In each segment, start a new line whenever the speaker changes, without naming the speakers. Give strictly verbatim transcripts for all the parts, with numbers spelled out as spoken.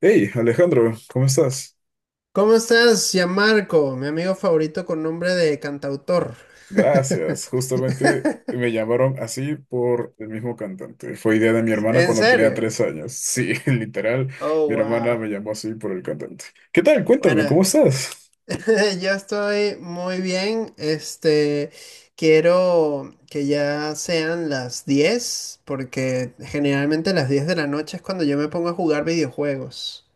Hey, Alejandro, ¿cómo estás?
¿Cómo estás, Gianmarco? Mi amigo favorito con nombre de cantautor.
Gracias. Justamente me llamaron así por el mismo cantante. Fue idea de mi hermana
¿En
cuando tenía
serio?
tres años. Sí, literal,
Oh,
mi hermana
wow.
me llamó así por el cantante. ¿Qué tal? Cuéntame, ¿cómo
Bueno,
estás?
yo estoy muy bien. Este, quiero que ya sean las diez porque generalmente las diez de la noche es cuando yo me pongo a jugar videojuegos.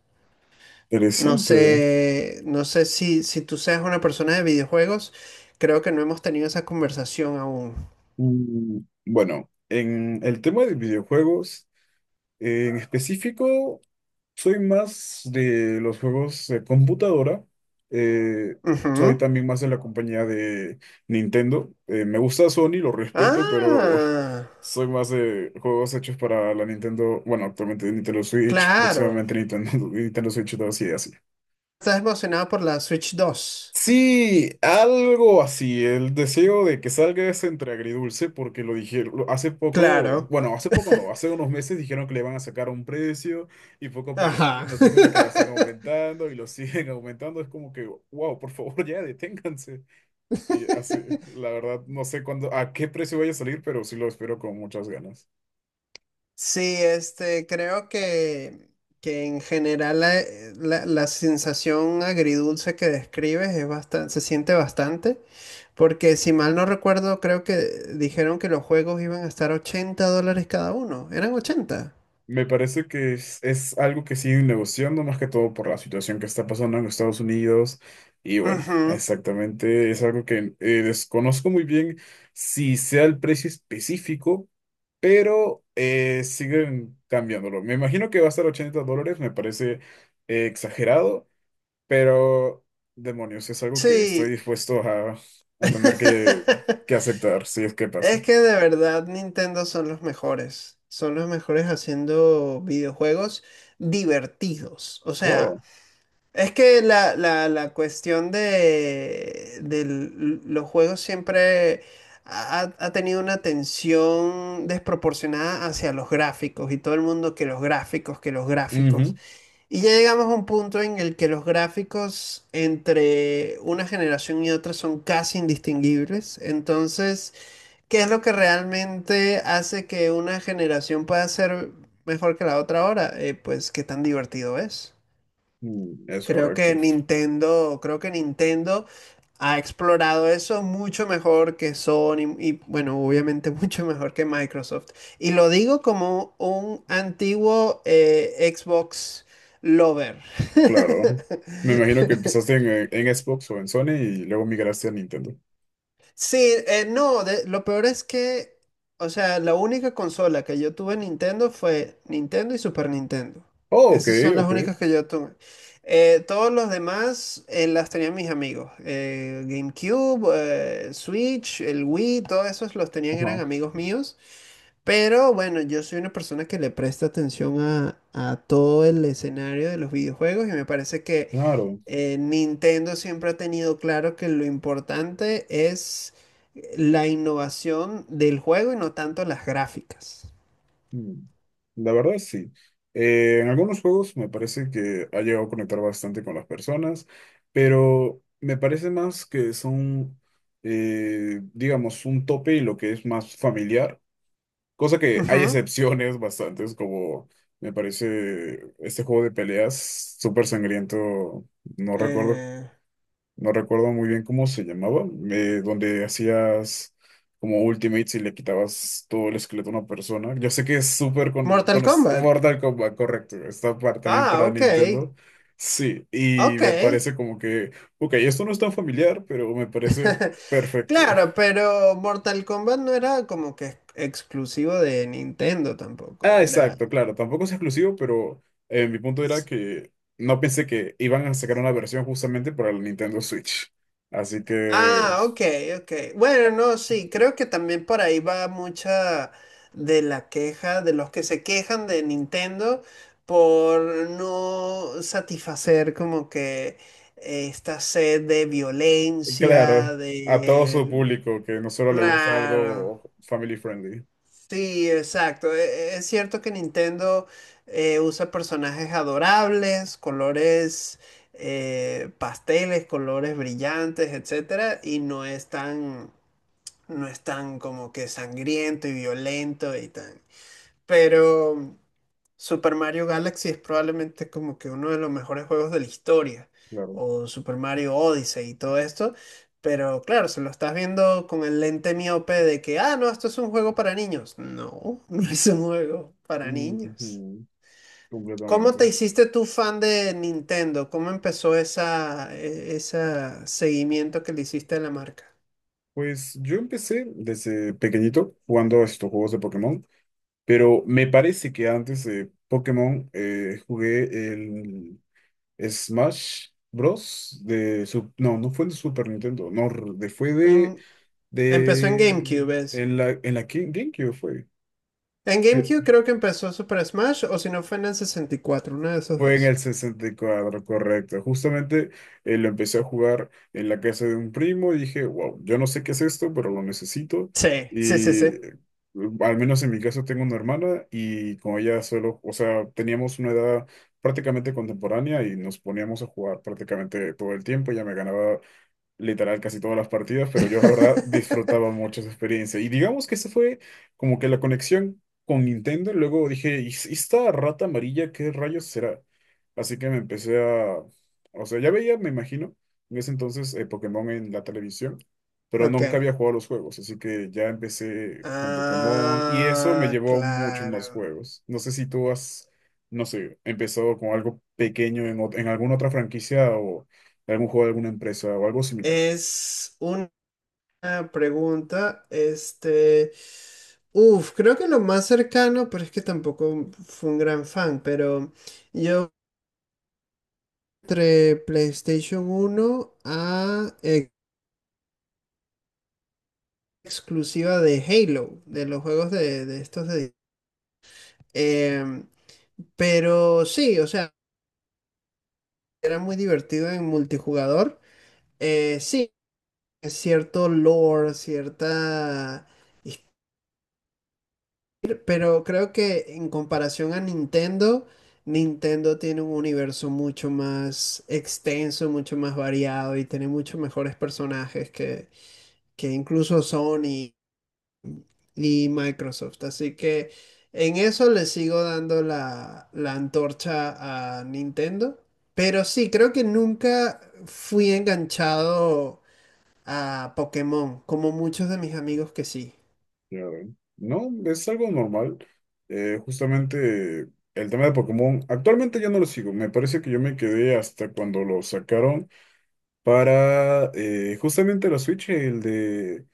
No
Interesante.
sé, no sé si, si tú seas una persona de videojuegos. Creo que no hemos tenido esa conversación aún.
Mm, bueno, en el tema de videojuegos, en específico, soy más de los juegos de computadora. eh, Soy
Ujú.
también más de la compañía de Nintendo. Eh, me gusta Sony, lo respeto, pero
Ah,
soy más de juegos hechos para la Nintendo. Bueno, actualmente Nintendo Switch,
claro.
próximamente Nintendo, Nintendo Switch dos y así.
¿Estás emocionado por la Switch dos?
Sí, algo así. El deseo de que salga es entre agridulce, porque lo dijeron lo- hace poco,
Claro.
bueno, hace poco no, hace unos meses dijeron que le van a sacar un precio y poco a poco salen
Ajá.
noticias de que lo están aumentando y lo siguen aumentando. Es como que, wow, por favor, ya deténganse. Y así, la verdad, no sé cuándo, a qué precio vaya a salir, pero sí lo espero con muchas ganas.
Sí, este, creo que, que en general la, eh, la- la sensación agridulce que describes es bastante, se siente bastante, porque si mal no recuerdo, creo que dijeron que los juegos iban a estar ochenta dólares cada uno. ¿Eran ochenta?
Me parece que es, es algo que siguen negociando más que todo por la situación que está pasando en Estados Unidos. Y bueno,
Ujú.
exactamente es algo que eh, desconozco muy bien si sea el precio específico, pero eh, siguen cambiándolo. Me imagino que va a estar ochenta dólares, me parece eh, exagerado, pero demonios, es algo que estoy
Sí.
dispuesto a, a tener que, que aceptar si es que
Es
pasa.
que de verdad Nintendo son los mejores. Son los mejores haciendo videojuegos divertidos. O
Wow.
sea, es que la, la- la cuestión de, de l- los juegos siempre ha, ha tenido una tensión desproporcionada hacia los gráficos y todo el mundo que los gráficos, que los gráficos.
Ujú.
Y ya llegamos a un punto en el que los gráficos entre una generación y otra son casi indistinguibles. Entonces, ¿qué es lo que realmente hace que una generación pueda ser mejor que la otra ahora? Eh, pues qué tan divertido es.
Mm, es
Creo
correcto.
que Nintendo, creo que Nintendo ha explorado eso mucho mejor que Sony y bueno, obviamente mucho mejor que Microsoft. Y lo digo como un antiguo eh, Xbox lover.
Claro. Me imagino que empezaste en, eh, en Xbox o en Sony y luego migraste a Nintendo.
Sí, eh, no, de- lo peor es que, o sea, la única consola que yo tuve Nintendo fue Nintendo y Super Nintendo.
Oh, ok,
Esas son las
ok.
únicas que yo tuve. Eh, todos los demás eh, las tenían mis amigos. Eh, GameCube, eh, Switch, el Wii, todos esos los tenían, eran
Ajá,
amigos míos. Pero bueno, yo soy una persona que le presta atención a, a todo el escenario de los videojuegos y me parece que
claro.
eh, Nintendo siempre ha tenido claro que lo importante es la innovación del juego y no tanto las gráficas.
Mm, la verdad, sí. Eh, en algunos juegos me parece que ha llegado a conectar bastante con las personas, pero me parece más que son, eh, digamos, un tope y lo que es más familiar. Cosa que hay
Ujú.
excepciones bastantes, como me parece este juego de peleas súper sangriento. No recuerdo
Eh,
No recuerdo muy bien cómo se llamaba, eh, donde hacías como ultimates y le quitabas todo el esqueleto a una persona. Yo sé que es súper con,
Mortal
con
Kombat.
Mortal Kombat, correcto. Está para, también
Ah,
para
ok.
Nintendo. Sí, y
Ok.
me parece como que, ok, esto no es tan familiar, pero me parece perfecto.
Claro, pero Mortal Kombat no era como que ex- exclusivo de Nintendo tampoco.
Ah,
Era.
exacto, claro, tampoco es exclusivo, pero eh, mi punto era que no pensé que iban a sacar una versión justamente para el Nintendo Switch. Así que
Ah, ok, ok. Bueno, no, sí, creo que también por ahí va mucha de la queja de los que se quejan de Nintendo por no satisfacer como que esta sed de
claro,
violencia,
a todo su
de...
público que no solo le gusta
Claro,
algo family friendly.
sí, exacto. E- e- Es cierto que Nintendo eh, usa personajes adorables, colores eh, pasteles, colores brillantes, etcétera, y no es tan no es tan como que sangriento y violento y tan. Pero Super Mario Galaxy es probablemente como que uno de los mejores juegos de la historia.
Claro.
O Super Mario Odyssey y todo esto. Pero claro, se lo estás viendo con el lente miope de que, ah, no, esto es un juego para niños. No, no es un juego para niños.
Ujú,
¿Cómo te
completamente.
hiciste tú fan de Nintendo? ¿Cómo empezó esa, e- esa seguimiento que le hiciste a la marca?
Pues yo empecé desde pequeñito jugando a estos juegos de Pokémon, pero me parece que antes de Pokémon eh, jugué el Smash Bros. de su, no, no fue de Super Nintendo, no, de, fue de,
En- Empezó en
de
GameCube, es.
en la, en la Game- GameCube fue.
En GameCube creo que empezó Super Smash o si no fue en el sesenta y cuatro, uno de esos
Fue en
dos.
el sesenta y cuatro, correcto. Justamente eh, lo empecé a jugar en la casa de un primo y dije, wow, yo no sé qué es esto, pero lo necesito.
Sí, sí, sí,
Y
sí.
eh, al menos en mi caso tengo una hermana y con ella solo, o sea, teníamos una edad prácticamente contemporánea y nos poníamos a jugar prácticamente todo el tiempo. Ella me ganaba literal casi todas las partidas, pero yo la verdad disfrutaba mucho esa experiencia. Y digamos que esa fue como que la conexión con Nintendo. Luego dije, ¿y s- esta rata amarilla qué rayos será? Así que me empecé a... O sea, ya veía, me imagino, en ese entonces eh, Pokémon en la televisión, pero
Ok.
nunca había jugado a los juegos, así que ya empecé con Pokémon y eso me
Ah,
llevó a muchos más
claro.
juegos. No sé si tú has, no sé, empezado con algo pequeño en, ot- en alguna otra franquicia, algún juego de alguna empresa o algo similar.
Es una pregunta, este... Uf, creo que lo más cercano, pero es que tampoco fue un gran fan, pero yo entre PlayStation uno a ex- exclusiva de Halo, de los juegos de, de estos de Em, pero sí, o sea, era muy divertido en multijugador. Eh, sí, es cierto lore, cierta... his- Pero creo que en comparación a Nintendo, Nintendo tiene un universo mucho más extenso, mucho más variado y tiene muchos mejores personajes que, que incluso Sony y Microsoft. Así que en eso le sigo dando la, la antorcha a Nintendo. Pero sí, creo que nunca fui enganchado a Pokémon, como muchos de mis amigos que sí.
Ya ven. No, es algo normal. Eh, justamente el tema de Pokémon, actualmente ya no lo sigo. Me parece que yo me quedé hasta cuando lo sacaron para eh, justamente la Switch, el de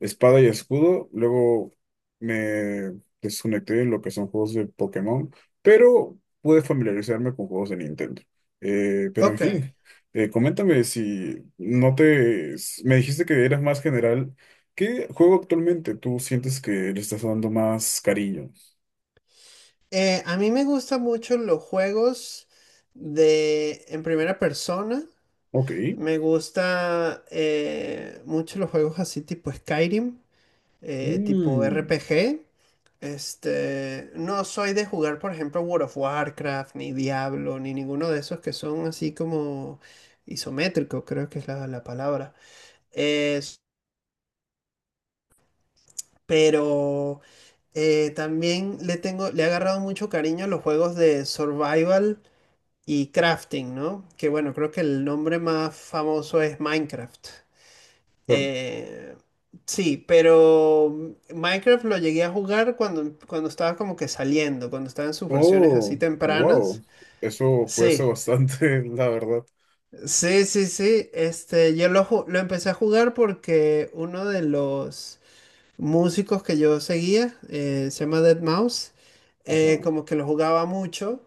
Espada y Escudo. Luego me desconecté en lo que son juegos de Pokémon, pero pude familiarizarme con juegos de Nintendo. Eh, pero en
Ok,
fin, eh, coméntame si no te... s- me dijiste que eras más general. ¿Qué juego actualmente tú sientes que le estás dando más cariño?
eh, a mí me gustan mucho los juegos de en primera persona.
Ok.
Me gusta eh, mucho los juegos así tipo Skyrim, eh, tipo
Mm,
R P G. Este, no soy de jugar, por ejemplo, World of Warcraft, ni Diablo, ni ninguno de esos que son así como isométricos, creo que es la, la palabra. Es- pero eh, también le tengo, le he agarrado mucho cariño a los juegos de survival y crafting, ¿no? Que bueno, creo que el nombre más famoso es Minecraft.
pero-
Eh, sí, pero mm, Minecraft lo llegué a jugar cuando, cuando estaba como que saliendo, cuando estaba en sus versiones así
oh, wow.
tempranas.
Eso fue hace
Sí,
bastante, la verdad.
sí, sí, sí. Este, yo lo, ju- lo empecé a jugar porque uno de los músicos que yo seguía, eh, se llama deadmau cinco,
Ajá.
eh, como que lo jugaba mucho.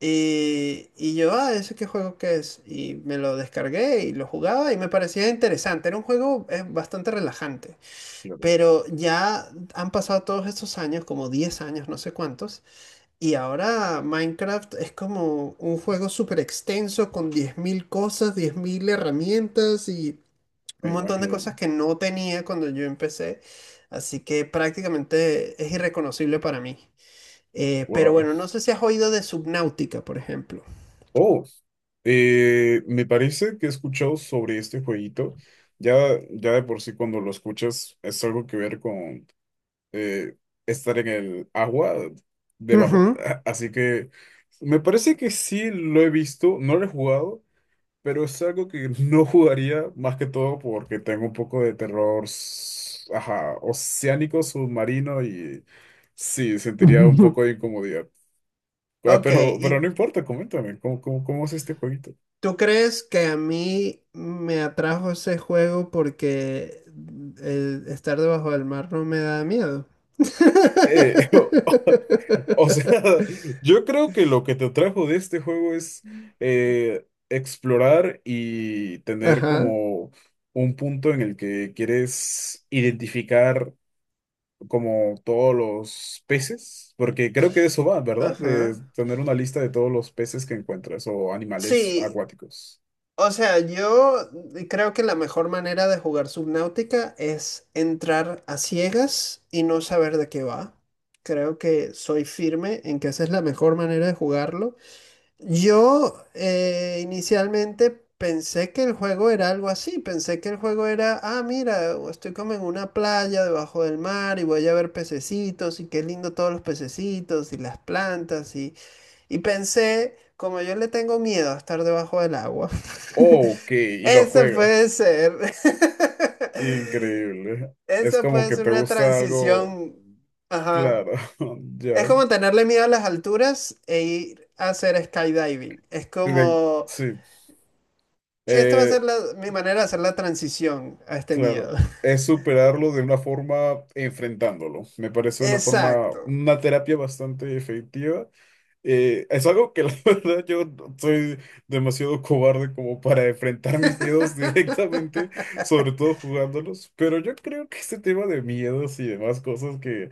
Y, y yo, ah, ¿ese qué juego que es? Y me lo descargué y lo jugaba y me parecía interesante. Era un juego eh, bastante relajante.
Claro,
Pero ya han pasado todos estos años, como diez años, no sé cuántos, y ahora Minecraft es como un juego súper extenso con diez mil cosas, diez mil herramientas y
la
un montón de cosas
imagen.
que no tenía cuando yo empecé, así que prácticamente es irreconocible para mí. Eh, pero
Wow.
bueno, no sé si has oído de Subnautica, por ejemplo.
Oh, eh, me parece que he escuchado sobre este jueguito. Ya, ya de por sí cuando lo escuchas es algo que ver con eh, estar en el agua debajo.
Ujú.
Así que me parece que sí lo he visto, no lo he jugado, pero es algo que no jugaría más que todo porque tengo un poco de terror, s- ajá, oceánico, submarino y sí, sentiría un poco de incomodidad. Ah,
Ok,
Pero, pero no
¿y
importa, coméntame, ¿cómo, cómo, cómo es este jueguito?
¿tú crees que a mí me atrajo ese juego porque el estar debajo del mar no me da miedo?
Eh, o, o sea, yo creo que lo que te trajo de este juego es eh, explorar y tener
Ajá,
como un punto en el que quieres identificar como todos los peces, porque creo que de eso va, ¿verdad? De
ajá.
tener una lista de todos los peces que encuentras o animales
Sí,
acuáticos.
o sea, yo creo que la mejor manera de jugar Subnautica es entrar a ciegas y no saber de qué va. Creo que soy firme en que esa es la mejor manera de jugarlo. Yo eh, inicialmente pensé que el juego era algo así, pensé que el juego era, ah, mira, estoy como en una playa debajo del mar y voy a ver pececitos y qué lindo todos los pececitos y las plantas y, y pensé, como yo le tengo miedo a estar debajo del agua,
Ok, y lo
eso puede
juegas.
ser,
Increíble. Es
eso
como
puede
que
ser
te
una
gusta algo.
transición, ajá.
Claro, ya.
Es como tenerle miedo a las alturas e ir a hacer skydiving. Es
De-
como
sí,
que esta va a
eh,
ser la- mi manera de hacer la transición a este
claro.
miedo.
Es superarlo de una forma enfrentándolo. Me parece una forma,
Exacto.
una terapia bastante efectiva. Eh, es algo que la verdad yo no- soy demasiado cobarde como para enfrentar mis miedos directamente, sobre todo jugándolos. Pero yo creo que este tema de miedos y demás cosas que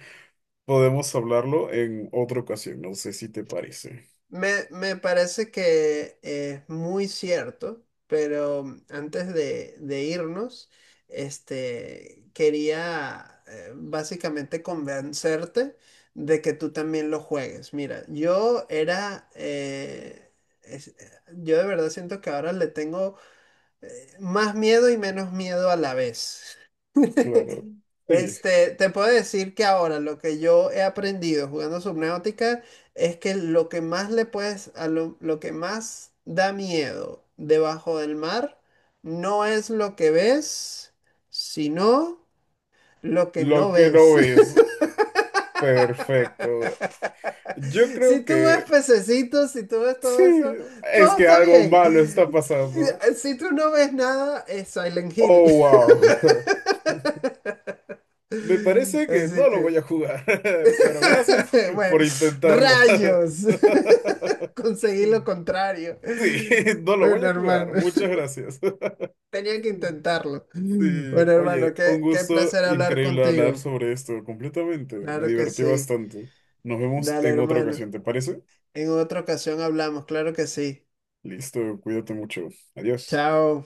podemos hablarlo en otra ocasión. No sé si te parece.
Me, me parece que es muy cierto, pero mm, antes de, de irnos, este, quería eh, básicamente convencerte de que tú también lo juegues. Mira, yo era, eh, es- eh, yo de verdad siento que ahora le tengo más miedo y menos miedo a la vez.
Claro. Sí,
Este, te puedo decir que ahora lo que yo he aprendido jugando Subnautica es que lo que más le puedes, a lo, lo que más da miedo debajo del mar no es lo que ves, sino lo que
lo
no
que
ves.
no es. Perfecto. Yo
Si
creo
tú ves
que
pececitos, si tú ves
sí,
todo eso,
es
todo
que
está
algo
bien.
malo está pasando.
Si tú no ves nada, es Silent Hill.
Oh, wow. Me parece que
Así
no lo voy
que,
a jugar, pero gracias
bueno,
por intentarlo.
rayos, conseguí lo contrario.
Sí, no lo voy
Bueno,
a
hermano,
jugar. Muchas gracias.
tenía que intentarlo.
Sí,
Bueno, hermano,
oye, un
qué, qué
gusto
placer hablar
increíble hablar
contigo.
sobre esto completamente. Me
Claro que
divertí
sí.
bastante. Nos vemos
Dale,
en otra
hermano.
ocasión, ¿te parece?
En otra ocasión hablamos, claro que sí.
Listo, cuídate mucho. Adiós.
Chao.